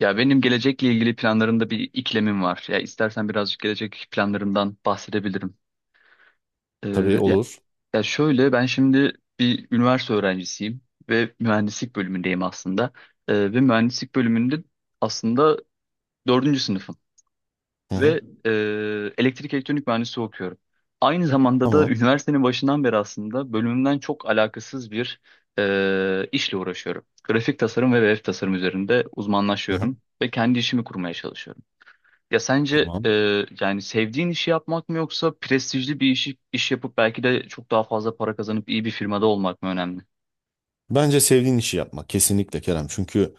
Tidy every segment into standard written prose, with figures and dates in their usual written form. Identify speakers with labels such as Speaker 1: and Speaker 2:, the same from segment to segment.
Speaker 1: Ya benim gelecekle ilgili planlarımda bir iklemim var. Ya istersen birazcık gelecek planlarımdan bahsedebilirim.
Speaker 2: Tabii
Speaker 1: Ee, ya,
Speaker 2: olur.
Speaker 1: ya şöyle ben şimdi bir üniversite öğrencisiyim ve mühendislik bölümündeyim aslında. Ve mühendislik bölümünde aslında dördüncü sınıfım
Speaker 2: Hı hı.
Speaker 1: ve elektrik elektronik mühendisliği okuyorum. Aynı zamanda da
Speaker 2: Tamam.
Speaker 1: üniversitenin başından beri aslında bölümümden çok alakasız bir işle uğraşıyorum. Grafik tasarım ve web tasarım üzerinde
Speaker 2: Hı hı.
Speaker 1: uzmanlaşıyorum ve kendi işimi kurmaya çalışıyorum. Ya sence
Speaker 2: Tamam.
Speaker 1: yani sevdiğin işi yapmak mı yoksa prestijli bir iş yapıp belki de çok daha fazla para kazanıp iyi bir firmada olmak mı önemli?
Speaker 2: Bence sevdiğin işi yapma. Kesinlikle Kerem. Çünkü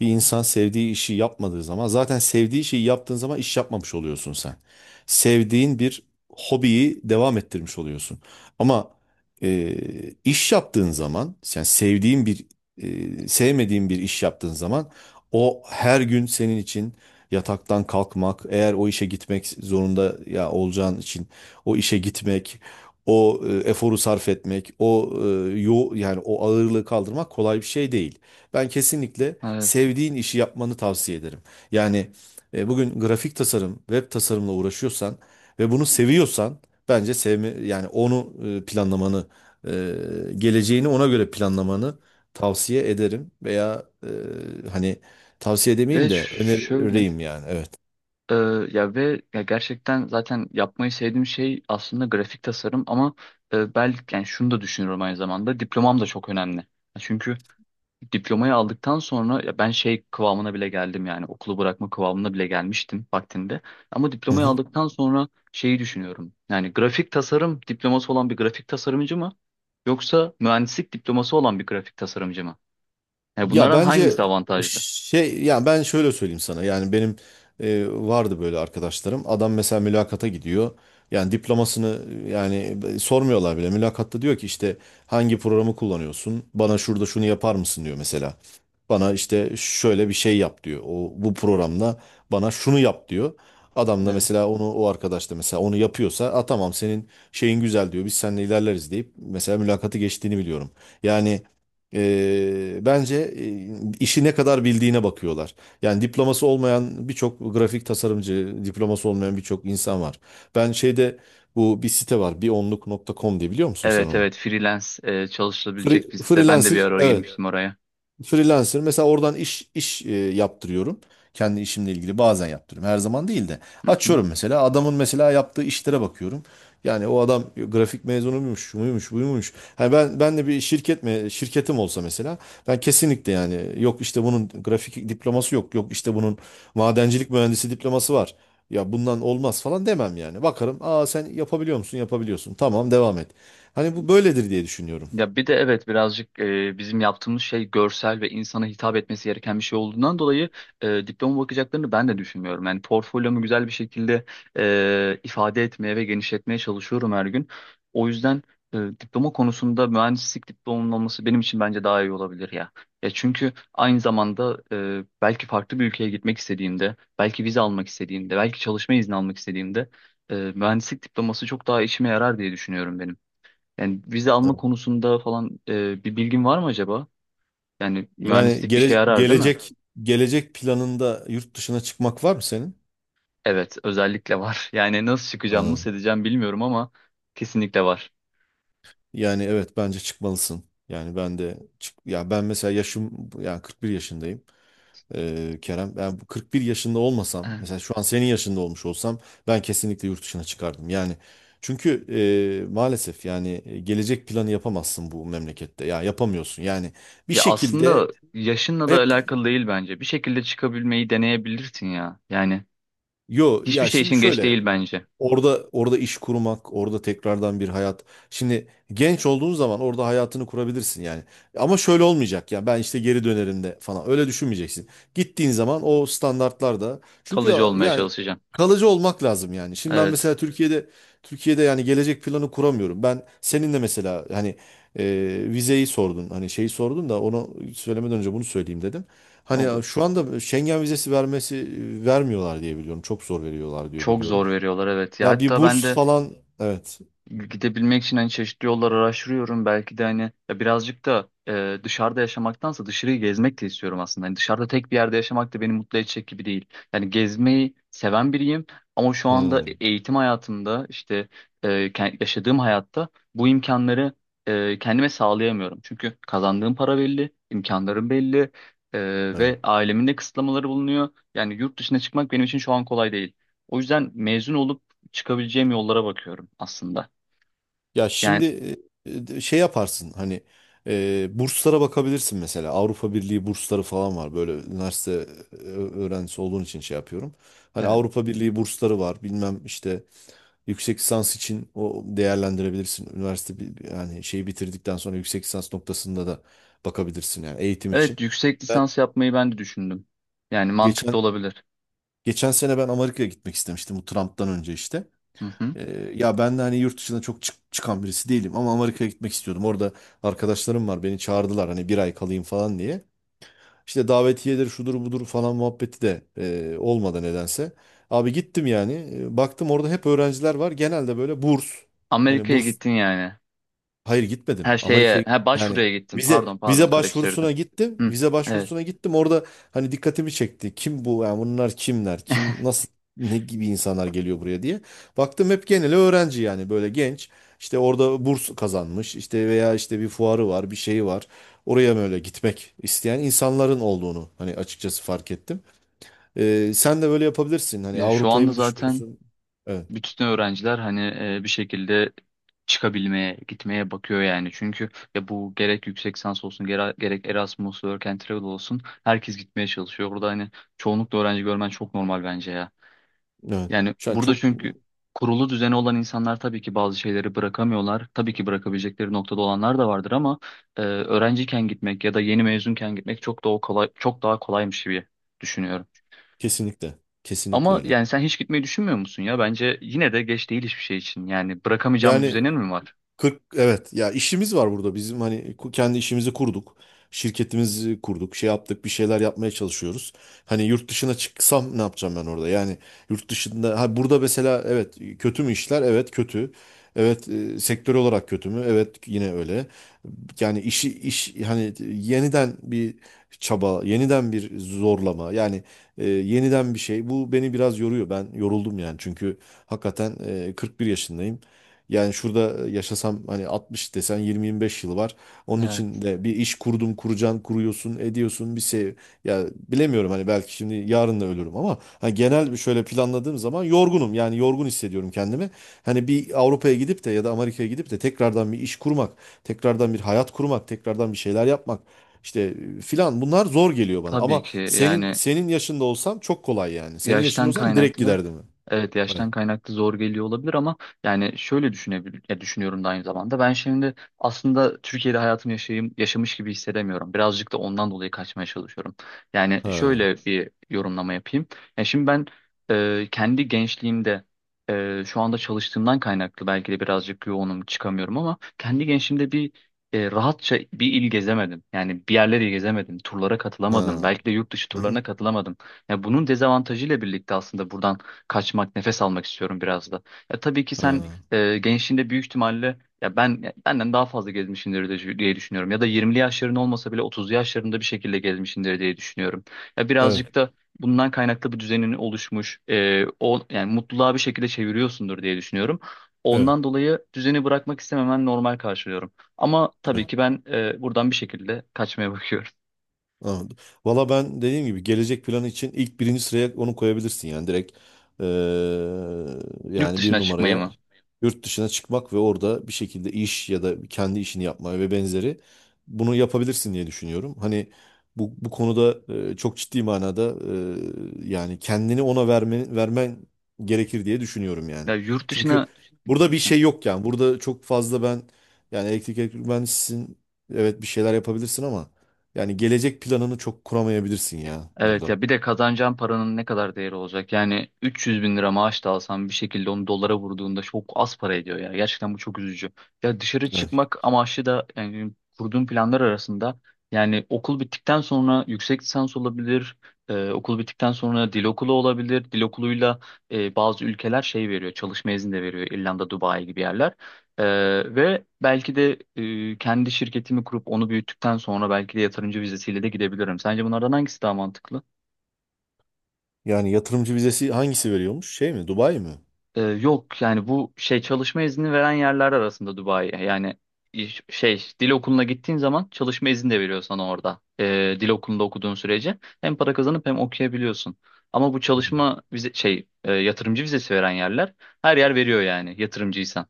Speaker 2: bir insan sevdiği işi yapmadığı zaman zaten sevdiği şeyi yaptığın zaman iş yapmamış oluyorsun sen. Sevdiğin bir hobiyi devam ettirmiş oluyorsun. Ama e, iş yaptığın zaman yani sevmediğin bir iş yaptığın zaman o her gün senin için yataktan kalkmak, eğer o işe gitmek zorunda ya olacağın için o işe gitmek, o eforu sarf etmek, o e, yo yani o ağırlığı kaldırmak kolay bir şey değil. Ben kesinlikle
Speaker 1: Evet.
Speaker 2: sevdiğin işi yapmanı tavsiye ederim. Yani bugün grafik tasarım, web tasarımla uğraşıyorsan ve bunu seviyorsan bence sevme yani onu planlamanı, e, geleceğini ona göre planlamanı tavsiye ederim veya hani tavsiye demeyeyim
Speaker 1: Ve
Speaker 2: de
Speaker 1: şöyle
Speaker 2: önereyim yani. Evet.
Speaker 1: e, ya ve ya gerçekten zaten yapmayı sevdiğim şey aslında grafik tasarım ama belki yani şunu da düşünüyorum aynı zamanda diplomam da çok önemli. Çünkü diplomayı aldıktan sonra ya ben şey kıvamına bile geldim yani okulu bırakma kıvamına bile gelmiştim vaktinde. Ama
Speaker 2: Hı
Speaker 1: diplomayı
Speaker 2: hı.
Speaker 1: aldıktan sonra şeyi düşünüyorum. Yani grafik tasarım diploması olan bir grafik tasarımcı mı yoksa mühendislik diploması olan bir grafik tasarımcı mı? Yani
Speaker 2: Ya
Speaker 1: bunlardan
Speaker 2: bence
Speaker 1: hangisi avantajlı?
Speaker 2: şey yani ben şöyle söyleyeyim sana yani benim vardı böyle arkadaşlarım, adam mesela mülakata gidiyor, yani diplomasını yani sormuyorlar bile mülakatta, diyor ki işte hangi programı kullanıyorsun, bana şurada şunu yapar mısın diyor mesela, bana işte şöyle bir şey yap diyor o bu programda, bana şunu yap diyor, adam da
Speaker 1: Evet.
Speaker 2: mesela onu, o arkadaş da mesela onu yapıyorsa a tamam senin şeyin güzel diyor, biz seninle ilerleriz deyip mesela mülakatı geçtiğini biliyorum yani. Bence işi ne kadar bildiğine bakıyorlar. Yani diploması olmayan birçok grafik tasarımcı, diploması olmayan birçok insan var. Ben şeyde, bu bir site var, bir bionluk.com diye, biliyor musun sen
Speaker 1: Evet,
Speaker 2: onu?
Speaker 1: evet, freelance
Speaker 2: Free,
Speaker 1: çalışılabilecek
Speaker 2: Free,
Speaker 1: bir site. Ben de bir
Speaker 2: freelancer,
Speaker 1: ara
Speaker 2: evet.
Speaker 1: girmiştim oraya.
Speaker 2: Freelancer mesela oradan iş yaptırıyorum. Kendi işimle ilgili bazen yaptırıyorum. Her zaman değil de.
Speaker 1: Hı hı.
Speaker 2: Açıyorum mesela, adamın mesela yaptığı işlere bakıyorum. Yani o adam grafik mezunuymuş, şu muymuş, buymuş. Hani ben de bir şirket mi şirketim olsa mesela, ben kesinlikle yani yok işte bunun grafik diploması yok, yok işte bunun madencilik mühendisi diploması var. Ya bundan olmaz falan demem yani. Bakarım, aa sen yapabiliyor musun? Yapabiliyorsun. Tamam devam et. Hani bu böyledir diye düşünüyorum.
Speaker 1: Ya bir de evet birazcık bizim yaptığımız şey görsel ve insana hitap etmesi gereken bir şey olduğundan dolayı diploma bakacaklarını ben de düşünmüyorum. Yani portfolyomu güzel bir şekilde ifade etmeye ve genişletmeye çalışıyorum her gün. O yüzden diploma konusunda mühendislik diplomamın olması benim için bence daha iyi olabilir ya. Ya çünkü aynı zamanda belki farklı bir ülkeye gitmek istediğimde, belki vize almak istediğimde, belki çalışma izni almak istediğimde mühendislik diploması çok daha işime yarar diye düşünüyorum benim. Yani vize alma konusunda falan bir bilgin var mı acaba? Yani
Speaker 2: Yani
Speaker 1: mühendislik işe yarar değil mi?
Speaker 2: gelecek planında yurt dışına çıkmak var mı senin?
Speaker 1: Evet, özellikle var. Yani nasıl çıkacağım,
Speaker 2: Anladım.
Speaker 1: nasıl edeceğim bilmiyorum ama kesinlikle var.
Speaker 2: Yani evet bence çıkmalısın. Yani ben de çık, ya ben mesela yaşım yani 41 yaşındayım. Kerem ben bu 41 yaşında olmasam,
Speaker 1: Evet.
Speaker 2: mesela şu an senin yaşında olmuş olsam, ben kesinlikle yurt dışına çıkardım. Yani, çünkü maalesef yani gelecek planı yapamazsın bu memlekette. Ya yapamıyorsun. Yani bir
Speaker 1: Ya
Speaker 2: şekilde
Speaker 1: aslında yaşınla da
Speaker 2: hep,
Speaker 1: alakalı değil bence. Bir şekilde çıkabilmeyi deneyebilirsin ya. Yani hiçbir
Speaker 2: ya
Speaker 1: şey
Speaker 2: şimdi
Speaker 1: için geç
Speaker 2: şöyle,
Speaker 1: değil bence.
Speaker 2: orada iş kurmak, orada tekrardan bir hayat. Şimdi genç olduğun zaman orada hayatını kurabilirsin yani. Ama şöyle olmayacak, ya ben işte geri dönerim de falan. Öyle düşünmeyeceksin. Gittiğin zaman o standartlarda çünkü,
Speaker 1: Kalıcı olmaya
Speaker 2: yani
Speaker 1: çalışacaksın.
Speaker 2: kalıcı olmak lazım yani. Şimdi ben
Speaker 1: Evet,
Speaker 2: mesela Türkiye'de yani gelecek planı kuramıyorum. Ben seninle mesela hani e, vizeyi sordun. Hani şeyi sordun da onu söylemeden önce bunu söyleyeyim dedim. Hani
Speaker 1: olur.
Speaker 2: şu anda Schengen vizesi vermiyorlar diye biliyorum. Çok zor veriyorlar diye
Speaker 1: Çok
Speaker 2: biliyorum.
Speaker 1: zor veriyorlar, evet. Ya
Speaker 2: Ya bir
Speaker 1: hatta ben
Speaker 2: burs
Speaker 1: de
Speaker 2: falan, evet.
Speaker 1: gidebilmek için hani çeşitli yollar araştırıyorum. Belki de hani ya birazcık da dışarıda yaşamaktansa dışarıyı gezmek de istiyorum aslında. Hani dışarıda tek bir yerde yaşamak da beni mutlu edecek gibi değil. Yani gezmeyi seven biriyim ama şu anda
Speaker 2: Hmm,
Speaker 1: eğitim hayatımda işte yaşadığım hayatta bu imkanları kendime sağlayamıyorum. Çünkü kazandığım para belli, imkanlarım belli,
Speaker 2: evet.
Speaker 1: ve ailemin de kısıtlamaları bulunuyor. Yani yurt dışına çıkmak benim için şu an kolay değil. O yüzden mezun olup çıkabileceğim yollara bakıyorum aslında.
Speaker 2: Ya
Speaker 1: Yani
Speaker 2: şimdi şey yaparsın hani burslara bakabilirsin mesela. Avrupa Birliği bursları falan var. Böyle üniversite öğrencisi olduğun için şey yapıyorum. Hani
Speaker 1: evet.
Speaker 2: Avrupa Birliği bursları var. Bilmem işte, yüksek lisans için o değerlendirebilirsin. Üniversite yani şeyi bitirdikten sonra yüksek lisans noktasında da bakabilirsin yani, eğitim için.
Speaker 1: Evet, yüksek
Speaker 2: Ben
Speaker 1: lisans yapmayı ben de düşündüm. Yani mantıklı
Speaker 2: geçen
Speaker 1: olabilir.
Speaker 2: geçen sene ben Amerika'ya gitmek istemiştim, bu Trump'tan önce işte.
Speaker 1: Hı hı.
Speaker 2: Ya ben de hani yurt dışına çok çıkan birisi değilim, ama Amerika'ya gitmek istiyordum. Orada arkadaşlarım var, beni çağırdılar hani, bir ay kalayım falan diye. İşte davetiyedir şudur budur falan muhabbeti de olmadı nedense. Abi gittim yani. Baktım orada hep öğrenciler var, genelde böyle burs. Hani
Speaker 1: Amerika'ya
Speaker 2: burs
Speaker 1: gittin yani.
Speaker 2: Hayır
Speaker 1: Her
Speaker 2: gitmedim.
Speaker 1: şeye,
Speaker 2: Amerika'ya
Speaker 1: ha,
Speaker 2: yani
Speaker 1: başvuruya gittin.
Speaker 2: vize
Speaker 1: Pardon, pardon,
Speaker 2: vize başvurusuna
Speaker 1: karıştırdım.
Speaker 2: gittim.
Speaker 1: Hı.
Speaker 2: Vize
Speaker 1: Evet.
Speaker 2: başvurusuna gittim. Orada hani dikkatimi çekti. Kim bu? Yani bunlar kimler? Kim, nasıl, ne gibi insanlar geliyor buraya diye. Baktım hep genel öğrenci, yani böyle genç. İşte orada burs kazanmış. İşte veya işte bir fuarı var, bir şeyi var. Oraya böyle gitmek isteyen insanların olduğunu hani, açıkçası fark ettim. Sen de böyle yapabilirsin. Hani
Speaker 1: Ya şu
Speaker 2: Avrupa'yı
Speaker 1: anda
Speaker 2: mı
Speaker 1: zaten
Speaker 2: düşünüyorsun? Evet.
Speaker 1: bütün öğrenciler hani bir şekilde çıkabilmeye, gitmeye bakıyor yani. Çünkü ya bu gerek yüksek lisans olsun, gerek Erasmus, Work and Travel olsun herkes gitmeye çalışıyor. Burada hani çoğunlukla öğrenci görmen çok normal bence ya.
Speaker 2: Evet.
Speaker 1: Yani
Speaker 2: Şu an
Speaker 1: burada
Speaker 2: çok.
Speaker 1: çünkü kurulu düzeni olan insanlar tabii ki bazı şeyleri bırakamıyorlar. Tabii ki bırakabilecekleri noktada olanlar da vardır ama öğrenciyken gitmek ya da yeni mezunken gitmek çok daha kolay, çok daha kolaymış gibi düşünüyorum.
Speaker 2: Kesinlikle. Kesinlikle
Speaker 1: Ama
Speaker 2: öyle.
Speaker 1: yani sen hiç gitmeyi düşünmüyor musun ya? Bence yine de geç değil hiçbir şey için. Yani bırakamayacağım bir
Speaker 2: Yani
Speaker 1: düzenin mi var?
Speaker 2: 40, evet ya, işimiz var burada bizim, hani kendi işimizi kurduk. Şirketimizi kurduk, şey yaptık, bir şeyler yapmaya çalışıyoruz. Hani yurt dışına çıksam ne yapacağım ben orada? Yani yurt dışında, ha burada mesela evet, kötü mü işler? Evet kötü. Evet sektör olarak kötü mü? Evet yine öyle. Yani işi iş hani yeniden bir çaba, yeniden bir zorlama. Yani yeniden bir şey. Bu beni biraz yoruyor. Ben yoruldum yani. Çünkü hakikaten 41 yaşındayım. Yani şurada yaşasam hani 60 desen, 20-25 yıl var. Onun için
Speaker 1: Evet,
Speaker 2: de bir iş kurdum, kuracaksın, kuruyorsun, ediyorsun bir şey. Ya bilemiyorum hani, belki şimdi yarın da ölürüm, ama hani genel bir şöyle planladığım zaman, yorgunum. Yani yorgun hissediyorum kendimi. Hani bir Avrupa'ya gidip de ya da Amerika'ya gidip de tekrardan bir iş kurmak, tekrardan bir hayat kurmak, tekrardan bir şeyler yapmak işte filan, bunlar zor geliyor bana.
Speaker 1: tabii
Speaker 2: Ama
Speaker 1: ki yani
Speaker 2: senin yaşında olsam çok kolay yani. Senin yaşında
Speaker 1: yaştan
Speaker 2: olsam direkt
Speaker 1: kaynaklı,
Speaker 2: giderdim.
Speaker 1: evet, yaştan
Speaker 2: Evet.
Speaker 1: kaynaklı zor geliyor olabilir ama yani şöyle düşünebilir ya, düşünüyorum da aynı zamanda ben şimdi aslında Türkiye'de hayatımı yaşayayım, yaşamış gibi hissedemiyorum. Birazcık da ondan dolayı kaçmaya çalışıyorum. Yani
Speaker 2: Ha. Yani.
Speaker 1: şöyle bir yorumlama yapayım. Ya şimdi ben kendi gençliğimde, şu anda çalıştığımdan kaynaklı belki de birazcık yoğunum, çıkamıyorum, ama kendi gençliğimde bir rahatça bir il gezemedim. Yani bir yerleri gezemedim. Turlara
Speaker 2: Ha.
Speaker 1: katılamadım. Belki de yurt dışı
Speaker 2: Hı hı.
Speaker 1: turlarına katılamadım. Ya bunun dezavantajıyla birlikte aslında buradan kaçmak, nefes almak istiyorum biraz da. Ya tabii ki sen
Speaker 2: Ha.
Speaker 1: gençliğinde büyük ihtimalle ya ben ya benden daha fazla gezmişsindir diye düşünüyorum. Ya da 20'li yaşların olmasa bile 30'lu yaşlarında bir şekilde gezmişsindir diye düşünüyorum. Ya
Speaker 2: Evet,
Speaker 1: birazcık da bundan kaynaklı bir düzenin oluşmuş, o yani mutluluğa bir şekilde çeviriyorsundur diye düşünüyorum.
Speaker 2: evet.
Speaker 1: Ondan dolayı düzeni bırakmak istememen normal karşılıyorum. Ama tabii
Speaker 2: Evet.
Speaker 1: ki ben buradan bir şekilde kaçmaya bakıyorum.
Speaker 2: Anladım. Valla ben dediğim gibi gelecek planı için ilk birinci sıraya onu koyabilirsin yani, direkt
Speaker 1: Yurt
Speaker 2: yani bir
Speaker 1: dışına çıkmayı
Speaker 2: numaraya,
Speaker 1: mı?
Speaker 2: yurt dışına çıkmak ve orada bir şekilde iş ya da kendi işini yapma ve benzeri, bunu yapabilirsin diye düşünüyorum. Hani bu konuda çok ciddi manada yani kendini ona vermen gerekir diye düşünüyorum yani.
Speaker 1: Ya yurt
Speaker 2: Çünkü
Speaker 1: dışına.
Speaker 2: burada bir şey yok yani, burada çok fazla ben, yani elektrik mühendisisin, evet bir şeyler yapabilirsin ama yani gelecek planını çok kuramayabilirsin ya
Speaker 1: Evet,
Speaker 2: burada.
Speaker 1: ya bir de kazanacağın paranın ne kadar değeri olacak? Yani 300 bin lira maaş da alsan bir şekilde onu dolara vurduğunda çok az para ediyor ya. Gerçekten bu çok üzücü. Ya dışarı
Speaker 2: Evet.
Speaker 1: çıkmak amaçlı da yani kurduğum planlar arasında yani okul bittikten sonra yüksek lisans olabilir. Okul bittikten sonra dil okulu olabilir. Dil okuluyla bazı ülkeler şey veriyor. Çalışma izni de veriyor. İrlanda, Dubai gibi yerler. E, ve belki de kendi şirketimi kurup onu büyüttükten sonra belki de yatırımcı vizesiyle de gidebilirim. Sence bunlardan hangisi daha mantıklı?
Speaker 2: Yani yatırımcı vizesi hangisi veriyormuş? Şey mi? Dubai mi?
Speaker 1: Yok yani bu şey çalışma izni veren yerler arasında Dubai. Yani şey, dil okuluna gittiğin zaman çalışma izni de veriyor sana orada. Dil okulunda okuduğun sürece hem para kazanıp hem okuyabiliyorsun. Ama bu
Speaker 2: Hı.
Speaker 1: çalışma vize şey yatırımcı vizesi veren yerler her yer veriyor yani yatırımcıysan.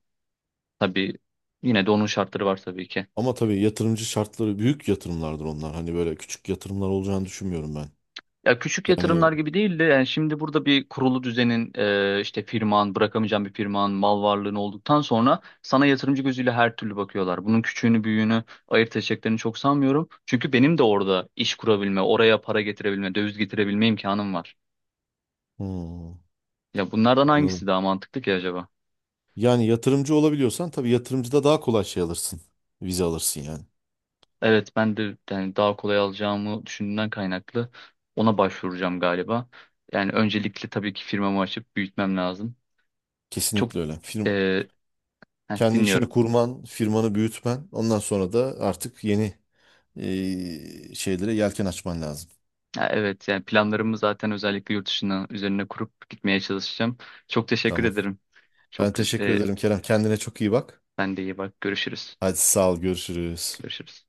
Speaker 1: Tabii yine de onun şartları var tabii ki.
Speaker 2: Ama tabii yatırımcı şartları büyük yatırımlardır onlar. Hani böyle küçük yatırımlar olacağını düşünmüyorum ben.
Speaker 1: Ya küçük
Speaker 2: Yani
Speaker 1: yatırımlar gibi değil de, yani şimdi burada bir kurulu düzenin, işte firman, bırakamayacağın bir firman, mal varlığın olduktan sonra sana yatırımcı gözüyle her türlü bakıyorlar. Bunun küçüğünü büyüğünü ayırt edeceklerini çok sanmıyorum. Çünkü benim de orada iş kurabilme, oraya para getirebilme, döviz getirebilme imkanım var.
Speaker 2: hmm,
Speaker 1: Ya bunlardan
Speaker 2: anladım.
Speaker 1: hangisi daha mantıklı ki acaba?
Speaker 2: Yani yatırımcı olabiliyorsan tabii, yatırımcıda daha kolay şey alırsın. Vize alırsın yani.
Speaker 1: Evet, ben de yani daha kolay alacağımı düşündüğümden kaynaklı ona başvuracağım galiba. Yani öncelikle tabii ki firmamı açıp büyütmem lazım. Çok
Speaker 2: Kesinlikle öyle. Firm,
Speaker 1: e,
Speaker 2: kendi işini
Speaker 1: dinliyorum.
Speaker 2: kurman, firmanı büyütmen. Ondan sonra da artık yeni şeylere yelken açman lazım.
Speaker 1: Ya evet, yani planlarımı zaten özellikle yurt dışına üzerine kurup gitmeye çalışacağım. Çok teşekkür
Speaker 2: Tamam.
Speaker 1: ederim.
Speaker 2: Ben
Speaker 1: Çok
Speaker 2: teşekkür
Speaker 1: güzel.
Speaker 2: ederim Kerem. Kendine çok iyi bak.
Speaker 1: Ben de iyi bak. Görüşürüz.
Speaker 2: Hadi sağ ol, görüşürüz.
Speaker 1: Görüşürüz.